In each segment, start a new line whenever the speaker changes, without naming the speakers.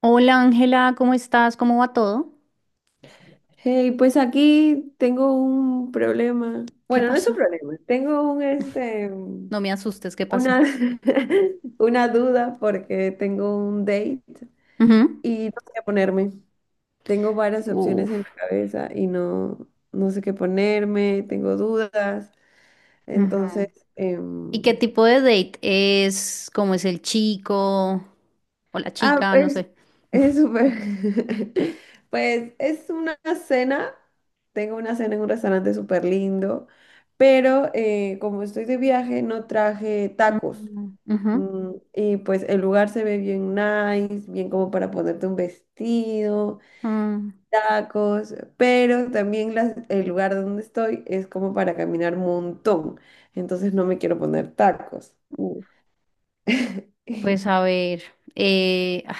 Hola Ángela, ¿cómo estás? ¿Cómo va todo?
Hey, pues aquí tengo un problema.
¿Qué
Bueno, no es un
pasó?
problema, tengo un
No me asustes, ¿qué pasó?
una una duda porque tengo un date
Ujú.
y no sé qué ponerme. Tengo varias opciones en la
Uf.
cabeza y no sé qué ponerme, tengo dudas. Entonces,
Ujú. ¿Y qué tipo de date es? ¿Cómo es el chico o la
ah,
chica? No
pues
sé.
es súper. Pues es una cena. Tengo una cena en un restaurante súper lindo, pero como estoy de viaje no traje tacos.
Mm, ujú,
Y pues el lugar se ve bien nice, bien como para ponerte un vestido,
mm.
tacos, pero también el lugar donde estoy es como para caminar un montón. Entonces no me quiero poner tacos.
Uf. Pues a ver, ay,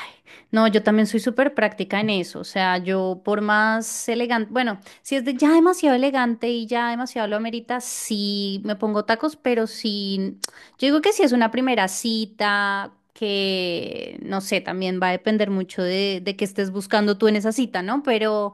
no, yo también soy súper práctica en eso, o sea, yo por más elegante, bueno, si es de ya demasiado elegante y ya demasiado lo amerita, sí me pongo tacos, pero sí, yo digo que si es una primera cita, que no sé, también va a depender mucho de qué estés buscando tú en esa cita, ¿no? Pero...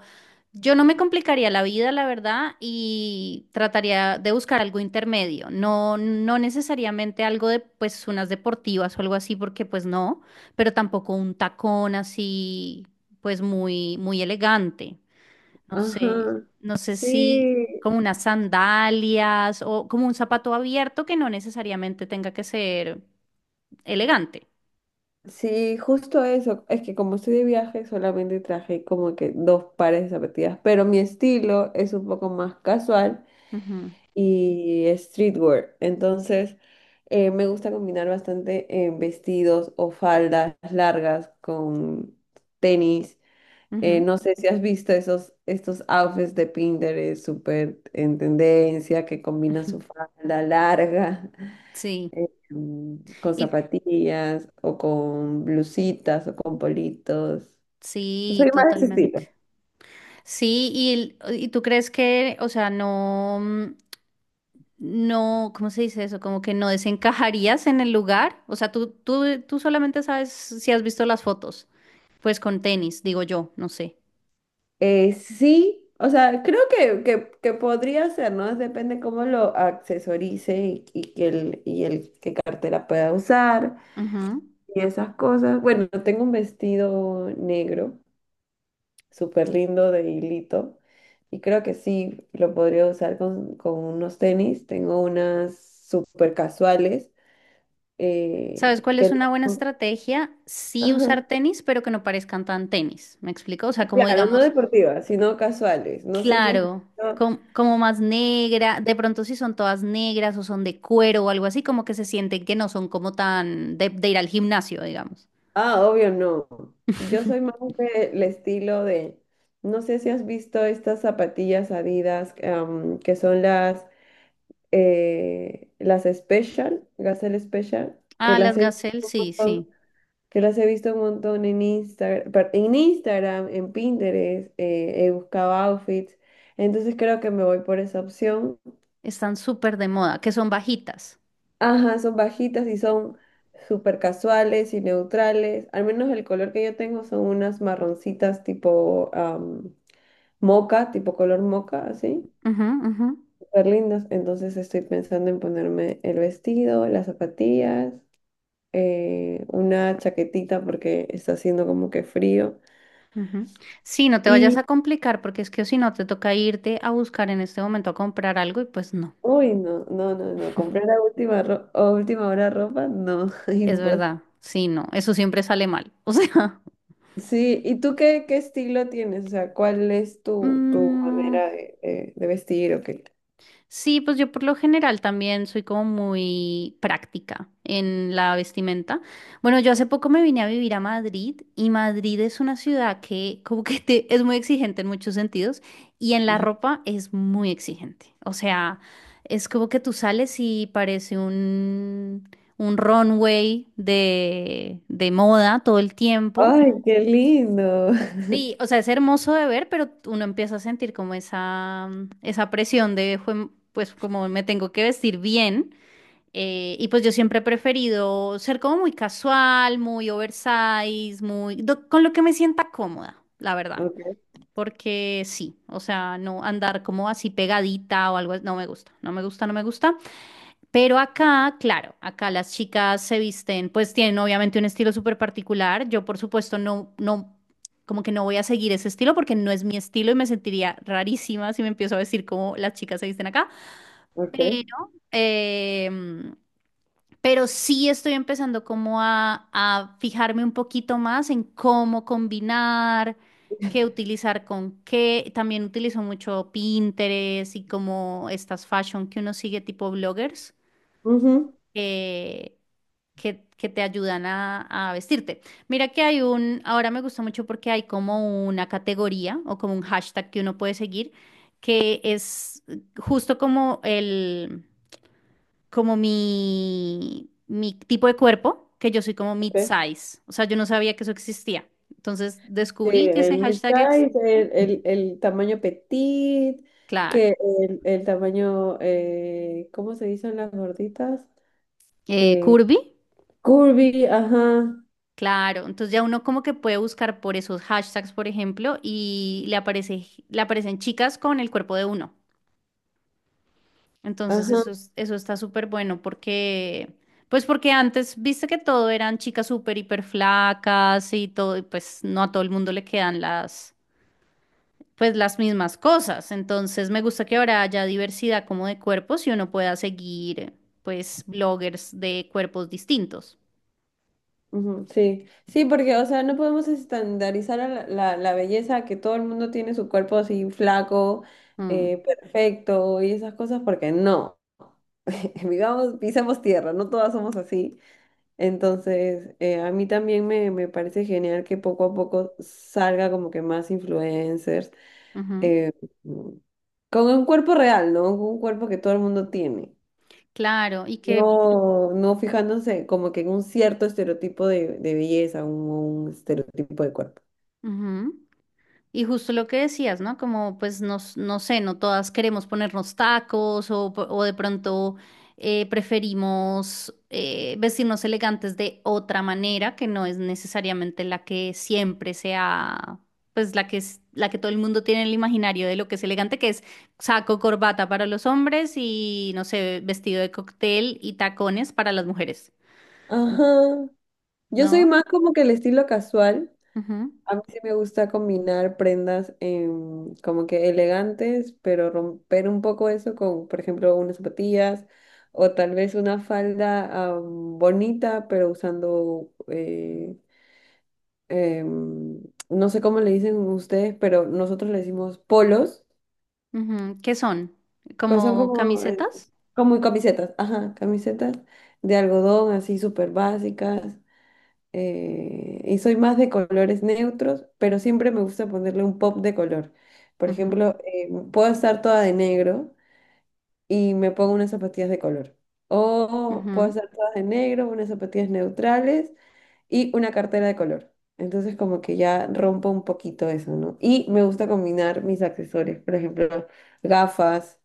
Yo no me complicaría la vida, la verdad, y trataría de buscar algo intermedio, no, no necesariamente algo de pues unas deportivas o algo así, porque pues no, pero tampoco un tacón así, pues muy, muy elegante. No sé,
Ajá.
no sé si
Sí,
como unas sandalias o como un zapato abierto que no necesariamente tenga que ser elegante.
sí, justo eso. Es que como estoy de viaje, solamente traje como que dos pares de zapatillas, pero mi estilo es un poco más casual
Ujú,
y streetwear. Entonces, me gusta combinar bastante vestidos o faldas largas con tenis.
ujú,
No sé si has visto estos outfits de Pinterest súper en tendencia que combinan
ujú.
su falda larga
Sí,
con
y
zapatillas o con blusitas o con politos. Soy
sí,
más de ese
totalmente.
estilo.
Sí, y, y tú crees que, o sea, no, no, ¿cómo se dice eso? Como que no desencajarías en el lugar. O sea, tú solamente sabes si has visto las fotos, pues con tenis, digo yo, no sé.
Sí, o sea, creo que podría ser, ¿no? Depende cómo lo accesorice y y el qué cartera pueda usar
Ujú.
y esas cosas. Bueno, tengo un vestido negro, súper lindo de hilito, y creo que sí lo podría usar con unos tenis. Tengo unas súper casuales
¿Sabes cuál es
que
una buena
no.
estrategia? Sí usar
Ajá.
tenis, pero que no parezcan tan tenis. ¿Me explico? O sea, como
Claro, no
digamos,
deportivas, sino casuales. No sé si has
claro,
visto.
como más negra, de pronto si son todas negras o son de cuero o algo así, como que se sienten que no son como tan de ir al gimnasio, digamos.
Ah, obvio no. Yo soy más del estilo de. No sé si has visto estas zapatillas Adidas que son las Special, Gazelle Special, que
Ah,
las
las
he visto
gazelle,
un
sí,
montón,
sí.
que las he visto un montón en Instagram, en Instagram, en Pinterest, he buscado outfits. Entonces creo que me voy por esa opción.
Están súper de moda, que son bajitas.
Ajá, son bajitas y son súper casuales y neutrales. Al menos el color que yo tengo son unas marroncitas tipo moca, tipo color moca, así.
Ujú, ujú,
Súper lindas. Entonces estoy pensando en ponerme el vestido, las zapatillas, una chaquetita porque está haciendo como que frío.
ujú. Sí, no te vayas
Y,
a complicar porque es que si no te toca irte a buscar en este momento a comprar algo y pues no,
uy, no, no, no, no. Comprar a última, a última hora ropa, no,
es
imposible.
verdad. Sí, no, eso siempre sale mal. O sea,
Sí, ¿y tú qué estilo tienes? O sea, ¿cuál es tu
mm,
manera de, de vestir o qué?
sí, pues yo por lo general también soy como muy práctica en la vestimenta. Bueno, yo hace poco me vine a vivir a Madrid y Madrid es una ciudad que como que es muy exigente en muchos sentidos y en la ropa es muy exigente. O sea, es como que tú sales y parece un runway de moda todo el tiempo.
¡Ay, qué lindo!
Sí, o sea, es hermoso de ver, pero uno empieza a sentir como esa presión de, Pues como me tengo que vestir bien." Y pues yo siempre he preferido ser como muy casual, muy oversize, con lo que me sienta cómoda, la verdad.
Ok,
Porque sí, o sea, no andar como así pegadita o algo, no me gusta, no me gusta, no me gusta. Pero acá, claro, acá las chicas se visten, pues tienen obviamente un estilo súper particular. Yo, por supuesto, no, no, como que no voy a seguir ese estilo porque no es mi estilo y me sentiría rarísima si me empiezo a vestir como las chicas se visten acá.
ok.
Pero, em, pero, sí estoy empezando como a fijarme un poquito más en cómo combinar, qué utilizar con qué. También utilizo mucho Pinterest y como estas fashion que uno sigue tipo bloggers,
Ujú,
eh, que te ayudan a vestirte. Mira que hay ahora me gusta mucho porque hay como una categoría o como un hashtag que uno puede seguir, que es justo como mi tipo de cuerpo, que yo soy como
ok.
mid-size. O sea, yo no sabía que eso existía. Entonces
Sí,
descubrí que ese
el
hashtag
mid-size,
existe.
el tamaño petit,
Claro.
que el tamaño, ¿cómo se dicen las gorditas?
Eh,
Eh,
curvy.
curvy, ajá,
Claro, entonces ya uno como que puede buscar por esos hashtags, por ejemplo, y le aparece, le aparecen chicas con el cuerpo de uno. Entonces
ajá.
eso está súper bueno pues porque antes viste que todo eran chicas súper hiper flacas y todo, y pues no a todo el mundo le quedan pues las mismas cosas. Entonces me gusta que ahora haya diversidad como de cuerpos y uno pueda seguir, pues, bloggers de cuerpos distintos.
Ujú, sí, sí, porque, o sea, no podemos estandarizar a la belleza, que todo el mundo tiene su cuerpo así flaco,
Mm,
perfecto y esas cosas, porque no, vivamos, pisamos tierra, no todas somos así. Entonces, a mí también me parece genial que poco a poco salga como que más influencers,
ujú.
eh, con un cuerpo real, ¿no? Un cuerpo que todo el mundo tiene.
Claro,
No, no fijándose como que en un cierto estereotipo de belleza, un estereotipo de cuerpo.
ujú. Y justo lo que decías, ¿no? Como pues no sé, no todas queremos ponernos tacos o de pronto preferimos vestirnos elegantes de otra manera que no es necesariamente la que siempre sea, pues la que es, la que todo el mundo tiene en el imaginario de lo que es elegante, que es saco, corbata para los hombres y no sé, vestido de cóctel y tacones para las mujeres.
Ajá. Yo soy
¿No?
más como que el estilo casual.
Ujú,
A mí sí me gusta combinar prendas como que elegantes, pero romper un poco eso con, por ejemplo, unas zapatillas o tal vez una falda bonita, pero usando, em, no sé cómo le dicen ustedes, pero nosotros le decimos polos.
ujú. ¿Qué son?
Son
¿Como
como,
camisetas?
como camisetas, ajá, camisetas de algodón así súper básicas. Y soy más de colores neutros, pero siempre me gusta ponerle un pop de color. Por ejemplo, puedo estar toda de negro y me pongo unas zapatillas de color. O puedo
Ujú,
estar toda de negro, unas zapatillas neutrales y una cartera de color. Entonces como que ya rompo un poquito eso, ¿no? Y me gusta combinar mis accesorios, por ejemplo, gafas,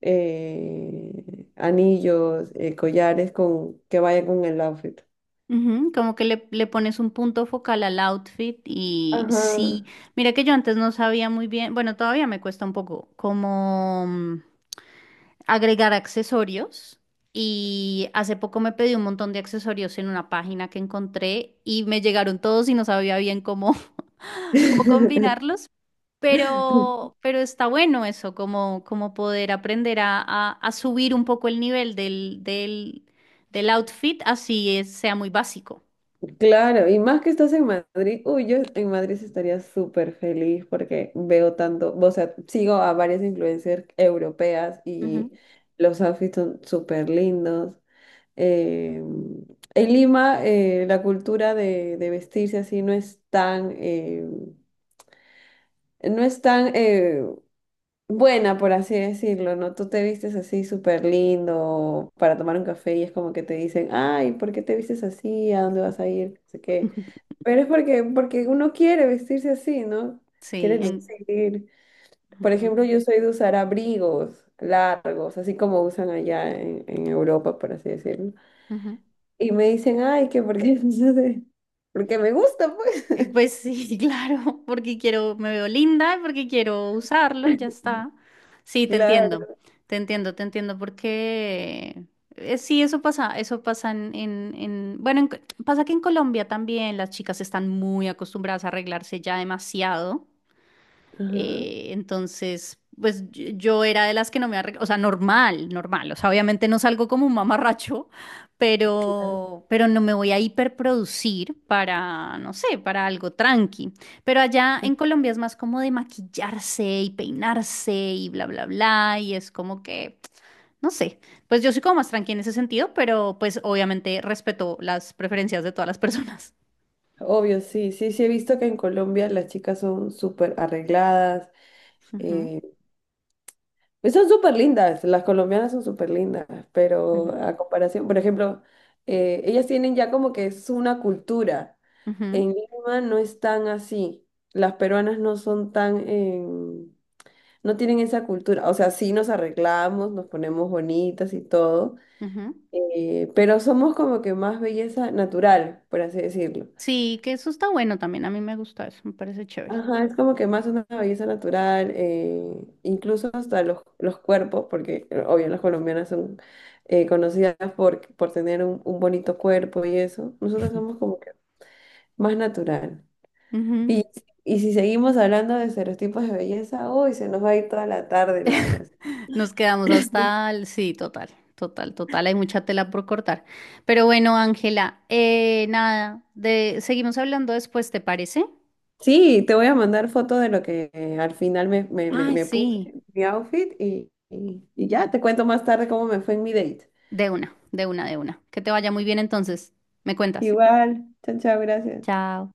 anillos, collares con, que vayan con el outfit.
ujú. Como que le pones un punto focal al outfit y sí,
Ajá.
mira que yo antes no sabía muy bien, bueno, todavía me cuesta un poco como agregar accesorios y hace poco me pedí un montón de accesorios en una página que encontré y me llegaron todos y no sabía bien cómo, cómo combinarlos. Pero, está bueno eso, como poder aprender a, a subir un poco el nivel del outfit, así sea muy básico.
Claro, y más que estás en Madrid, uy, yo en Madrid sí estaría súper feliz porque veo tanto, o sea, sigo a varias influencers europeas
Ujú.
y los outfits son súper lindos. Eh, en Lima, la cultura de vestirse así no es tan, no es tan, buena, por así decirlo, ¿no? Tú te vistes así súper lindo para tomar un café y es como que te dicen, ay, ¿por qué te vistes así? ¿A dónde vas a ir? No sé qué. Pero es porque, porque uno quiere vestirse así, ¿no?
Sí,
Quiere lucir. Por
ujú,
ejemplo, yo soy de usar abrigos largos, así como usan allá en Europa, por así decirlo.
ujú.
Y me dicen, ay, que porque, no sé, porque me gusta, pues.
Pues sí, claro, porque quiero, me veo linda, porque quiero usarlo y ya está. Sí, te entiendo,
Claro.
te entiendo, te entiendo, porque sí, eso pasa bueno, pasa que en Colombia también las chicas están muy acostumbradas a arreglarse ya demasiado.
Ajá.
Entonces, pues yo era de las que no me arreglaba, o sea, normal, normal, o sea, obviamente no salgo como un mamarracho, pero no me voy a hiperproducir para, no sé, para algo tranqui. Pero allá en Colombia es más como de maquillarse y peinarse y bla, bla, bla, y es como que, no sé, pues yo soy como más tranqui en ese sentido, pero pues obviamente respeto las preferencias de todas las personas.
Obvio, sí, sí, sí he visto que en Colombia las chicas son súper arregladas.
Ujú,
Eh, pues son súper lindas, las colombianas son súper lindas, pero
ujú,
a comparación, por ejemplo, ellas tienen ya como que es una cultura.
ujú,
En Lima no es tan así. Las peruanas no son tan, no tienen esa cultura. O sea, sí nos arreglamos, nos ponemos bonitas y todo,
ujú.
pero somos como que más belleza natural, por así decirlo.
Sí, que eso está bueno también. A mí me gusta eso, me parece chévere.
Ajá, es como que más una belleza natural, incluso hasta los cuerpos, porque obvio las colombianas son conocidas por tener un bonito cuerpo y eso. Nosotros somos como que más natural.
Ujú.
Y, y si seguimos hablando de estereotipos de belleza, uy, se nos va a ir toda la tarde, Laura.
Nos quedamos hasta el. Sí, total, total, total. Hay mucha tela por cortar. Pero bueno, Ángela, nada, seguimos hablando después, ¿te parece?
Sí, te voy a mandar fotos de lo que al final
Ay,
me puse,
sí,
mi outfit, y ya te cuento más tarde cómo me fue en mi date.
de una, de una, de una. Que te vaya muy bien entonces. Me cuentas.
Igual, chao, chao, gracias.
Chao.